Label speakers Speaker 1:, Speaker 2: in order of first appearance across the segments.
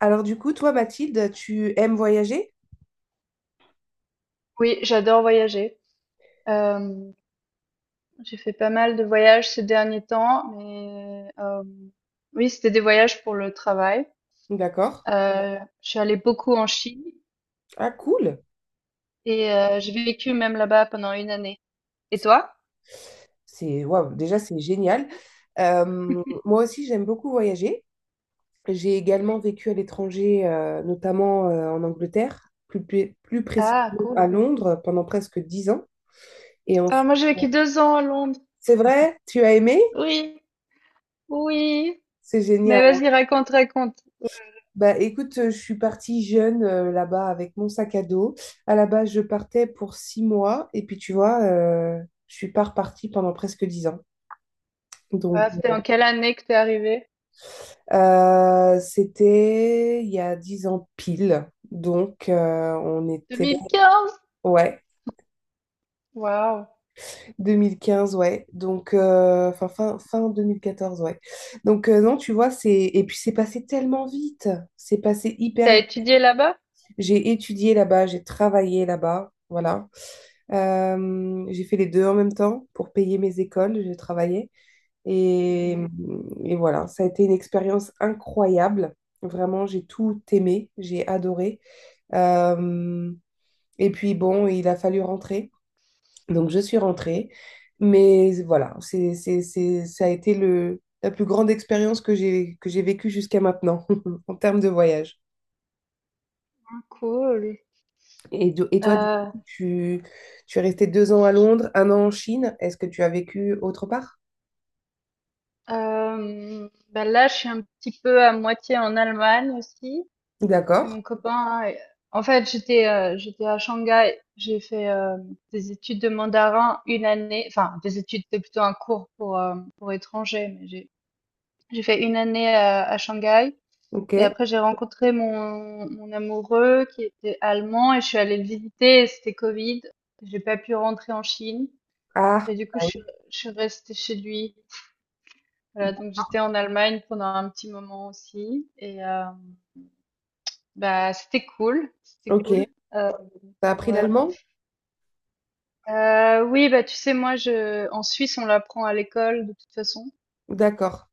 Speaker 1: Alors du coup, toi, Mathilde, tu aimes voyager?
Speaker 2: Oui, j'adore voyager. Hem, j'ai fait pas mal de voyages ces derniers temps, mais oui, c'était des voyages pour le travail.
Speaker 1: D'accord.
Speaker 2: Heu, je suis allée beaucoup en Chine
Speaker 1: Ah, cool.
Speaker 2: et j'ai vécu même là-bas pendant une année. Et
Speaker 1: C'est,
Speaker 2: toi?
Speaker 1: Waouh, déjà, c'est génial. Moi aussi, j'aime beaucoup voyager. J'ai également vécu à l'étranger, notamment en Angleterre, plus
Speaker 2: Ah,
Speaker 1: précisément
Speaker 2: cool.
Speaker 1: à Londres, pendant presque 10 ans. Et
Speaker 2: Ah,
Speaker 1: ensuite,
Speaker 2: moi, j'ai vécu 2 ans à Londres.
Speaker 1: c'est vrai, tu as aimé?
Speaker 2: Oui, oui.
Speaker 1: C'est
Speaker 2: Mais
Speaker 1: génial.
Speaker 2: vas-y, raconte, raconte.
Speaker 1: Bah, écoute, je suis partie jeune là-bas avec mon sac à dos. À la base, je partais pour 6 mois et puis tu vois, je suis pas repartie pendant presque 10 ans. Donc,
Speaker 2: Ah, c'était en quelle année que tu es arrivée?
Speaker 1: c'était il y a 10 ans pile. Donc, on était,
Speaker 2: 2015?
Speaker 1: ouais,
Speaker 2: Waouh.
Speaker 1: 2015, ouais. Donc, fin 2014, ouais. Donc, non, tu vois, et puis, c'est passé tellement vite. C'est passé hyper.
Speaker 2: T'as étudié là-bas?
Speaker 1: J'ai étudié là-bas, j'ai travaillé là-bas, voilà. J'ai fait les deux en même temps pour payer mes écoles, j'ai travaillé. Et,
Speaker 2: Mmh.
Speaker 1: et voilà, ça a été une expérience incroyable. Vraiment, j'ai tout aimé, j'ai adoré. Euh, et puis bon, il a fallu rentrer. Donc je suis rentrée. Mais voilà, ça a été la plus grande expérience que j'ai vécue jusqu'à maintenant en termes de voyage.
Speaker 2: Ah, cool.
Speaker 1: Et toi, du
Speaker 2: Heu
Speaker 1: coup, tu es resté 2 ans à Londres, 1 an en Chine. Est-ce que tu as vécu autre part?
Speaker 2: Bah là, je suis un petit peu à moitié en Allemagne aussi, que
Speaker 1: D'accord.
Speaker 2: mon copain. En fait, j'étais à Shanghai. J'ai fait des études de mandarin une année. Enfin, des études, c'était plutôt un cours pour étrangers, mais j'ai fait une année à Shanghai.
Speaker 1: Ok.
Speaker 2: Et après, j'ai rencontré mon amoureux qui était allemand et je suis allée le visiter. Et c'était Covid. J'ai pas pu rentrer en Chine
Speaker 1: Ah,
Speaker 2: et du coup, je suis restée chez lui. Voilà, donc j'étais en Allemagne pendant un petit moment aussi et bah c'était cool, c'était
Speaker 1: ok.
Speaker 2: cool. Euh,
Speaker 1: T'as appris
Speaker 2: ouais.
Speaker 1: l'allemand?
Speaker 2: Oui, bah tu sais, moi je en Suisse on l'apprend à l'école de toute façon.
Speaker 1: D'accord.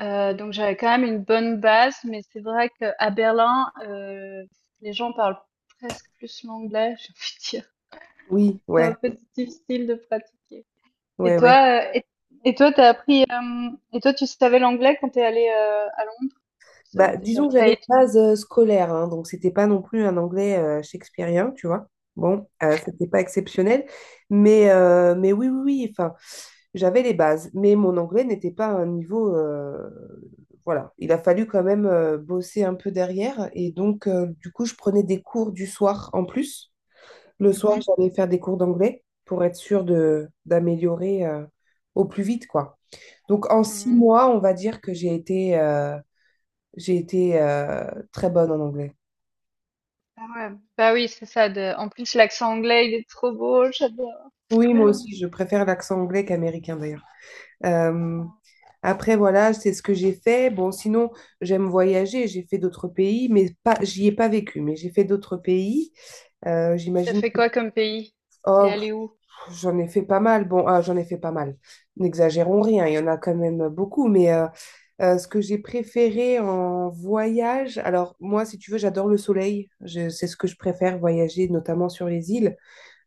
Speaker 2: Donc j'avais quand même une bonne base, mais c'est vrai qu'à Berlin, les gens parlent presque plus l'anglais, j'ai envie de dire.
Speaker 1: Oui,
Speaker 2: C'est
Speaker 1: ouais,
Speaker 2: un peu difficile de pratiquer. Et
Speaker 1: ouais, ouais.
Speaker 2: toi, tu savais l'anglais quand t'es allé à Londres? Tu savais
Speaker 1: Bah,
Speaker 2: déjà,
Speaker 1: disons que j'avais les bases scolaires, hein, donc c'était pas non plus un anglais shakespearien, tu vois. Bon, c'était pas exceptionnel, mais oui, oui, oui. Enfin, j'avais les bases, mais mon anglais n'était pas à un niveau, voilà, il a fallu quand même bosser un peu derrière. Et donc, du coup, je prenais des cours du soir en plus. Le soir,
Speaker 2: mhm,
Speaker 1: j'allais faire des cours d'anglais pour être sûre d'améliorer au plus vite, quoi. Donc, en six
Speaker 2: mhm.
Speaker 1: mois, on va dire que j'ai été très bonne en anglais.
Speaker 2: Ah ouais. Bah oui, c'est ça. De... En plus, l'accent anglais, il est trop beau, j'adore.
Speaker 1: Oui, moi aussi, je préfère l'accent anglais qu'américain d'ailleurs. Euh, Après, voilà, c'est ce que j'ai fait. Bon, sinon, j'aime voyager. J'ai fait d'autres pays, mais pas, j'y ai pas vécu. Mais j'ai fait d'autres pays.
Speaker 2: T'as
Speaker 1: J'imagine
Speaker 2: fait quoi comme pays? T'es
Speaker 1: oh,
Speaker 2: allé où?
Speaker 1: j'en ai fait pas mal. Bon, ah, j'en ai fait pas mal. N'exagérons rien. Il y en a quand même beaucoup. Mais ce que j'ai préféré en voyage, alors moi, si tu veux, j'adore le soleil. C'est ce que je préfère voyager, notamment sur les îles.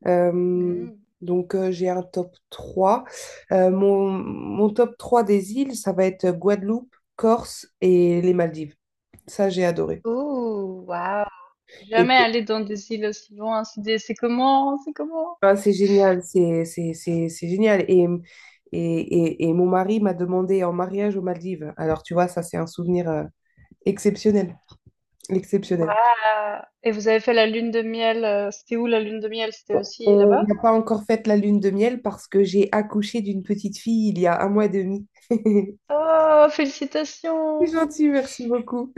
Speaker 1: Euh,
Speaker 2: Mhm.
Speaker 1: donc, j'ai un top 3. Mon top 3 des îles, ça va être Guadeloupe, Corse et les Maldives. Ça, j'ai adoré.
Speaker 2: Oh, waouh. Je suis
Speaker 1: Et
Speaker 2: jamais allée dans des îles aussi loin. C'est comment? C'est comment?
Speaker 1: ah, c'est génial, c'est génial. Et, et mon mari m'a demandé en mariage aux Maldives. Alors, tu vois, ça, c'est un souvenir exceptionnel. Exceptionnel.
Speaker 2: Waouh! Et vous avez fait la lune de miel, c'était où la lune de miel? C'était
Speaker 1: On
Speaker 2: aussi
Speaker 1: on
Speaker 2: là-bas?
Speaker 1: n'a pas encore fait la lune de miel parce que j'ai accouché d'une petite fille il y a 1 mois et demi.
Speaker 2: Oh,
Speaker 1: C'est
Speaker 2: félicitations!
Speaker 1: gentil, merci beaucoup.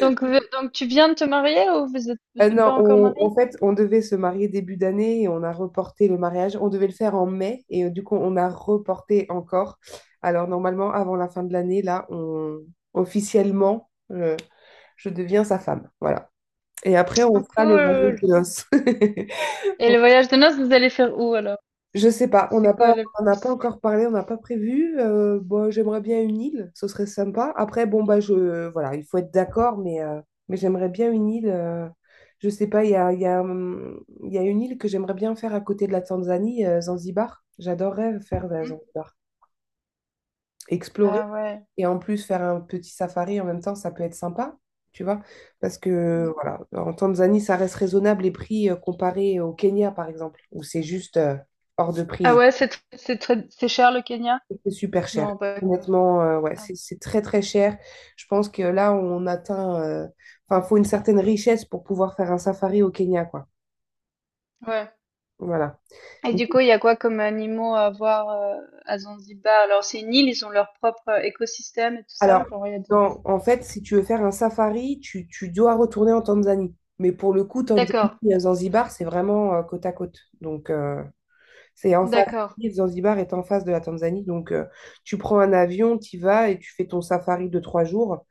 Speaker 2: Donc tu viens de te marier ou vous êtes
Speaker 1: Non,
Speaker 2: pas encore mariés?
Speaker 1: en fait, on devait se marier début d'année et on a reporté le mariage. On devait le faire en mai et du coup, on a reporté encore. Alors, normalement, avant la fin de l'année, là, officiellement, je deviens sa femme. Voilà. Et après,
Speaker 2: Oh,
Speaker 1: on fera le voyage
Speaker 2: cool!
Speaker 1: de noces.
Speaker 2: Et le voyage de noces, vous allez faire où alors?
Speaker 1: Je sais pas, on
Speaker 2: C'est
Speaker 1: n'a
Speaker 2: quoi
Speaker 1: pas,
Speaker 2: le...
Speaker 1: on n'a pas encore parlé, on n'a pas prévu. Bon, j'aimerais bien une île, ce serait sympa. Après, bon, bah, voilà, il faut être d'accord, mais j'aimerais bien une île. Je sais pas, il y a, il y a, il y a une île que j'aimerais bien faire à côté de la Tanzanie, Zanzibar. J'adorerais faire de la
Speaker 2: Hmm?
Speaker 1: Zanzibar, explorer
Speaker 2: Ah ouais.
Speaker 1: et en plus faire un petit safari en même temps, ça peut être sympa, tu vois, parce
Speaker 2: Hmm.
Speaker 1: que voilà, en Tanzanie, ça reste raisonnable les prix comparés au Kenya, par exemple, où c'est juste hors de
Speaker 2: Ah
Speaker 1: prix.
Speaker 2: ouais, c'est tr- c'est très- C'est cher le Kenya?
Speaker 1: C'est super
Speaker 2: Je m'en
Speaker 1: cher.
Speaker 2: rends pas compte.
Speaker 1: Honnêtement, ouais,
Speaker 2: Ah,
Speaker 1: c'est très très cher. Je pense que là, on atteint. Enfin, faut une certaine richesse pour pouvoir faire un safari au Kenya, quoi.
Speaker 2: ouais.
Speaker 1: Voilà.
Speaker 2: Et du coup, il y a quoi comme animaux à voir à Zanzibar? Alors, c'est une île, ils ont leur propre écosystème et tout ça.
Speaker 1: Alors,
Speaker 2: Genre, il y a
Speaker 1: en fait,
Speaker 2: des-
Speaker 1: si tu veux faire un safari, tu dois retourner en Tanzanie. Mais pour le coup, Tanzanie
Speaker 2: d'accord,
Speaker 1: et Zanzibar, c'est vraiment côte à côte. Donc, c'est en face,
Speaker 2: d'accord.
Speaker 1: Zanzibar est en face de la Tanzanie, donc tu prends un avion, tu vas et tu fais ton safari de 3 jours.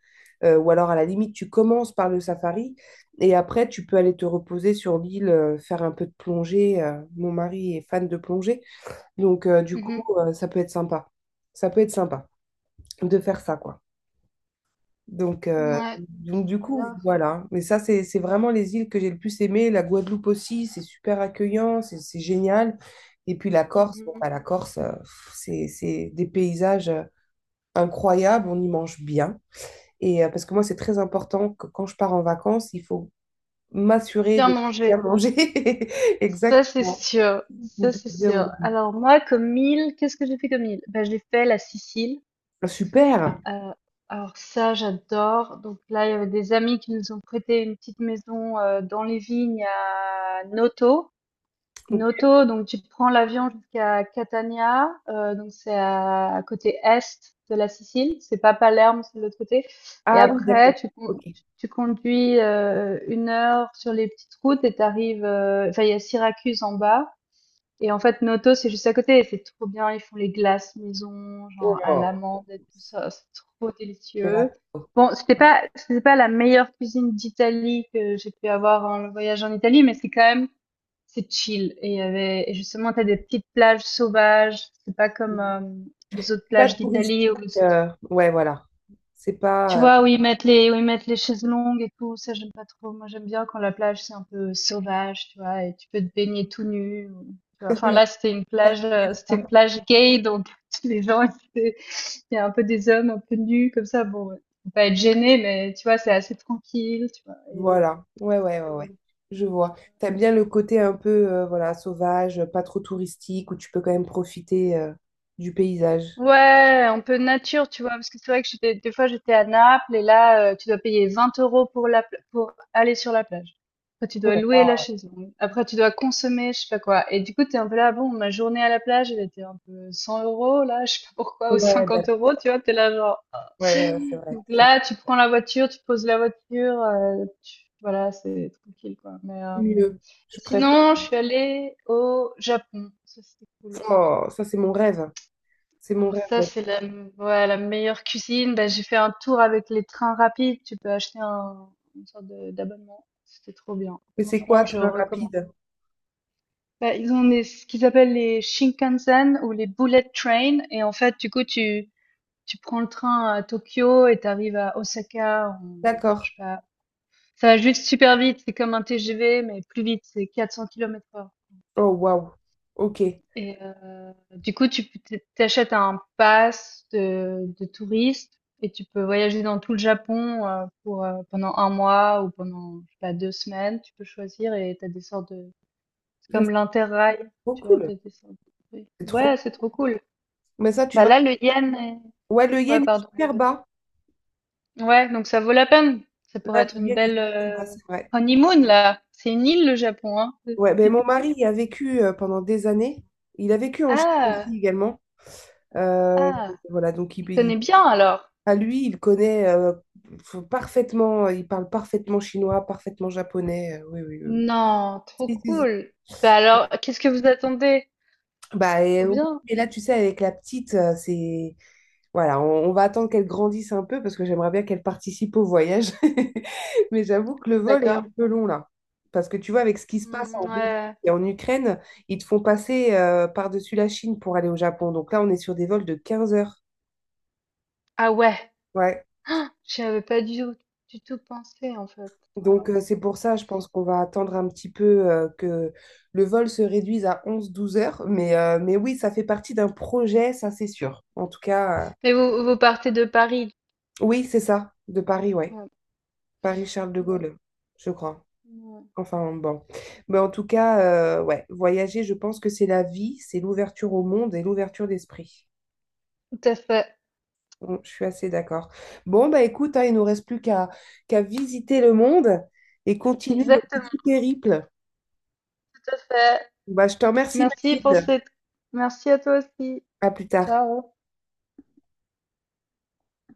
Speaker 1: Ou alors à la limite tu commences par le safari et après tu peux aller te reposer sur l'île, faire un peu de plongée. Mon mari est fan de plongée, donc du coup
Speaker 2: Mhm.
Speaker 1: ça peut être sympa, ça peut être sympa de faire ça quoi. Donc, euh,
Speaker 2: Ouais,
Speaker 1: donc
Speaker 2: ça
Speaker 1: du
Speaker 2: a
Speaker 1: coup,
Speaker 2: l'air
Speaker 1: voilà. Mais ça, c'est vraiment les îles que j'ai le plus aimées. La Guadeloupe aussi, c'est super accueillant, c'est génial. Et puis la Corse, bon,
Speaker 2: mhm.
Speaker 1: bah, la Corse, c'est des paysages incroyables, on y mange bien. Et parce que moi, c'est très important que quand je pars en vacances, il faut m'assurer
Speaker 2: Bien
Speaker 1: de bien
Speaker 2: manger.
Speaker 1: manger.
Speaker 2: Ça, c'est
Speaker 1: Exactement.
Speaker 2: sûr. Ça,
Speaker 1: De
Speaker 2: c'est
Speaker 1: bien
Speaker 2: sûr.
Speaker 1: manger.
Speaker 2: Alors, moi, comme île, qu'est-ce que j'ai fait comme île? Ben, j'ai fait la Sicile.
Speaker 1: Ah, super.
Speaker 2: Euh, alors, ça, j'adore. Donc, là, il y avait des amis qui nous ont prêté une petite maison dans les vignes à Noto.
Speaker 1: Ok.
Speaker 2: Noto, donc tu prends l'avion jusqu'à Catania, donc c'est à côté est de la Sicile, c'est pas Palerme, c'est de l'autre côté et
Speaker 1: Ah oui, d'accord.
Speaker 2: après tu con
Speaker 1: Ok.
Speaker 2: tu tu conduis, 1 heure sur les petites routes et t'arrives. Arrives, enfin il y a Syracuse en bas et en fait Noto, c'est juste à côté et c'est trop bien, ils font les glaces maison, genre à
Speaker 1: Oh,
Speaker 2: l'amande et tout ça, c'est trop
Speaker 1: c'est la-
Speaker 2: délicieux. Bon, c'était pas la meilleure cuisine d'Italie que j'ai pu avoir en voyage en Italie, mais c'est quand même c'est chill. Et justement, t'as des petites plages sauvages. C'est pas comme les autres
Speaker 1: c'est pas
Speaker 2: plages
Speaker 1: touristique.
Speaker 2: d'Italie
Speaker 1: Ouais, voilà. C'est
Speaker 2: tu
Speaker 1: pas.
Speaker 2: vois, où ils mettent les chaises longues et tout. Ça, j'aime pas trop. Moi, j'aime bien quand la plage, c'est un peu sauvage, tu vois, et tu peux te baigner tout nu. Tu vois. Enfin,
Speaker 1: euh,
Speaker 2: là, c'était une plage gay, donc les gens, étaient- il y a un peu des hommes un peu nus, comme ça. Bon, ouais. Faut pas être gêné, mais tu vois, c'est assez tranquille, tu vois.
Speaker 1: Voilà. Ouais, ouais, ouais, ouais.
Speaker 2: euh,
Speaker 1: Je vois. T'aimes bien le côté un peu voilà, sauvage, pas trop touristique, où tu peux quand même profiter du paysage.
Speaker 2: Ouais, un peu nature, tu vois, parce que c'est vrai que j'étais, des fois j'étais à Naples et là, tu dois payer 20 € pour pour aller sur la plage. Après, tu
Speaker 1: Oh
Speaker 2: dois
Speaker 1: là
Speaker 2: louer la
Speaker 1: là.
Speaker 2: chaise longue. Après, tu dois consommer, je sais pas quoi. Et du coup, t'es un peu là, bon, ma journée à la plage, elle était un peu 100 euros, là, je sais pas pourquoi, ou
Speaker 1: Ouais, d'accord.
Speaker 2: 50 euros, tu vois, t'es là genre. Ah.
Speaker 1: Ouais, ouais, c'est vrai.
Speaker 2: Donc
Speaker 1: C'est
Speaker 2: là, tu prends la voiture, tu poses la voiture, voilà, c'est tranquille, quoi. Mais,
Speaker 1: mieux. Je
Speaker 2: et
Speaker 1: préfère.
Speaker 2: sinon, je suis allée au Japon. Ça, c'était cool aussi.
Speaker 1: Oh, ça, c'est mon rêve. C'est mon
Speaker 2: Alors
Speaker 1: rêve.
Speaker 2: ça, ouais, la meilleure cuisine. Ben, j'ai fait un tour avec les trains rapides. Tu peux une sorte d'abonnement. C'était trop bien.
Speaker 1: Mais c'est quoi,
Speaker 2: Franchement, je
Speaker 1: train
Speaker 2: recommande.
Speaker 1: rapide?
Speaker 2: Ben, ce qu'ils appellent les Shinkansen ou les Bullet Train. Et en fait, du coup, tu prends le train à Tokyo et t'arrives à Osaka. Je
Speaker 1: D'accord.
Speaker 2: sais pas. Ça va juste super vite. C'est comme un TGV, mais plus vite. C'est 400 km/h.
Speaker 1: Oh, waouh. Ok.
Speaker 2: Et du coup, t'achètes un pass de touriste et tu peux voyager dans tout le Japon pour pendant un mois ou pendant je sais pas 2 semaines. Tu peux choisir et t'as des sortes de c'est
Speaker 1: Ça, c'est
Speaker 2: comme l'Interrail,
Speaker 1: trop
Speaker 2: tu vois,
Speaker 1: cool.
Speaker 2: t'as des sortes de oui.
Speaker 1: C'est trop.
Speaker 2: Ouais, c'est trop cool.
Speaker 1: Mais ça, tu
Speaker 2: Bah
Speaker 1: vois.
Speaker 2: là, le yen est...
Speaker 1: Ouais, le
Speaker 2: ouais,
Speaker 1: yen est
Speaker 2: pardon. Vas-y.
Speaker 1: super bas.
Speaker 2: Ouais, donc ça vaut la peine. Ça pourrait
Speaker 1: Là, le
Speaker 2: être une
Speaker 1: yen est
Speaker 2: belle
Speaker 1: super bas, c'est vrai.
Speaker 2: honeymoon là. C'est une île le Japon, hein.
Speaker 1: Ouais, ben mon mari y a vécu pendant des années. Il a vécu en Chine
Speaker 2: Ah,
Speaker 1: aussi également. Euh,
Speaker 2: ah,
Speaker 1: voilà, donc
Speaker 2: il connaît bien alors.
Speaker 1: à lui, il connaît parfaitement, il parle parfaitement chinois, parfaitement japonais. Oui, oui, oui.
Speaker 2: Non, trop
Speaker 1: Si, si, si.
Speaker 2: cool. Bah alors, qu'est-ce que vous attendez?
Speaker 1: Bah, et
Speaker 2: Trop
Speaker 1: oui,
Speaker 2: bien.
Speaker 1: mais là, tu sais, avec la petite, c'est Voilà, on va attendre qu'elle grandisse un peu parce que j'aimerais bien qu'elle participe au voyage. Mais j'avoue que le vol est un
Speaker 2: D'accord.
Speaker 1: peu long là. Parce que tu vois, avec ce qui se passe
Speaker 2: Hmm,
Speaker 1: en Russie
Speaker 2: ouais.
Speaker 1: et en Ukraine, ils te font passer par-dessus la Chine pour aller au Japon. Donc là, on est sur des vols de 15 heures.
Speaker 2: Ah ouais.
Speaker 1: Ouais.
Speaker 2: J'y avais pas du tout, du tout pensé en fait. Ouais.
Speaker 1: Donc c'est pour ça, je pense qu'on va attendre un petit peu que le vol se réduise à 11, 12 heures. Mais oui, ça fait partie d'un projet, ça c'est sûr. En tout cas,
Speaker 2: Mais vous, vous partez de Paris.
Speaker 1: oui, c'est ça, de Paris, ouais.
Speaker 2: Ouais,
Speaker 1: Paris-Charles de
Speaker 2: ouais,
Speaker 1: Gaulle, je crois.
Speaker 2: ouais.
Speaker 1: Enfin, bon. Mais en tout cas, ouais, voyager, je pense que c'est la vie, c'est l'ouverture au monde et l'ouverture d'esprit.
Speaker 2: Tout à fait.
Speaker 1: Bon, je suis assez d'accord. Bon, bah écoute, hein, il nous reste plus qu'à visiter le monde et continuer nos petits
Speaker 2: Exactement,
Speaker 1: périples.
Speaker 2: tout à fait.
Speaker 1: Bah, je te remercie,
Speaker 2: Merci pour
Speaker 1: Mathilde.
Speaker 2: cette. Merci à toi aussi.
Speaker 1: À plus tard.
Speaker 2: Ciao.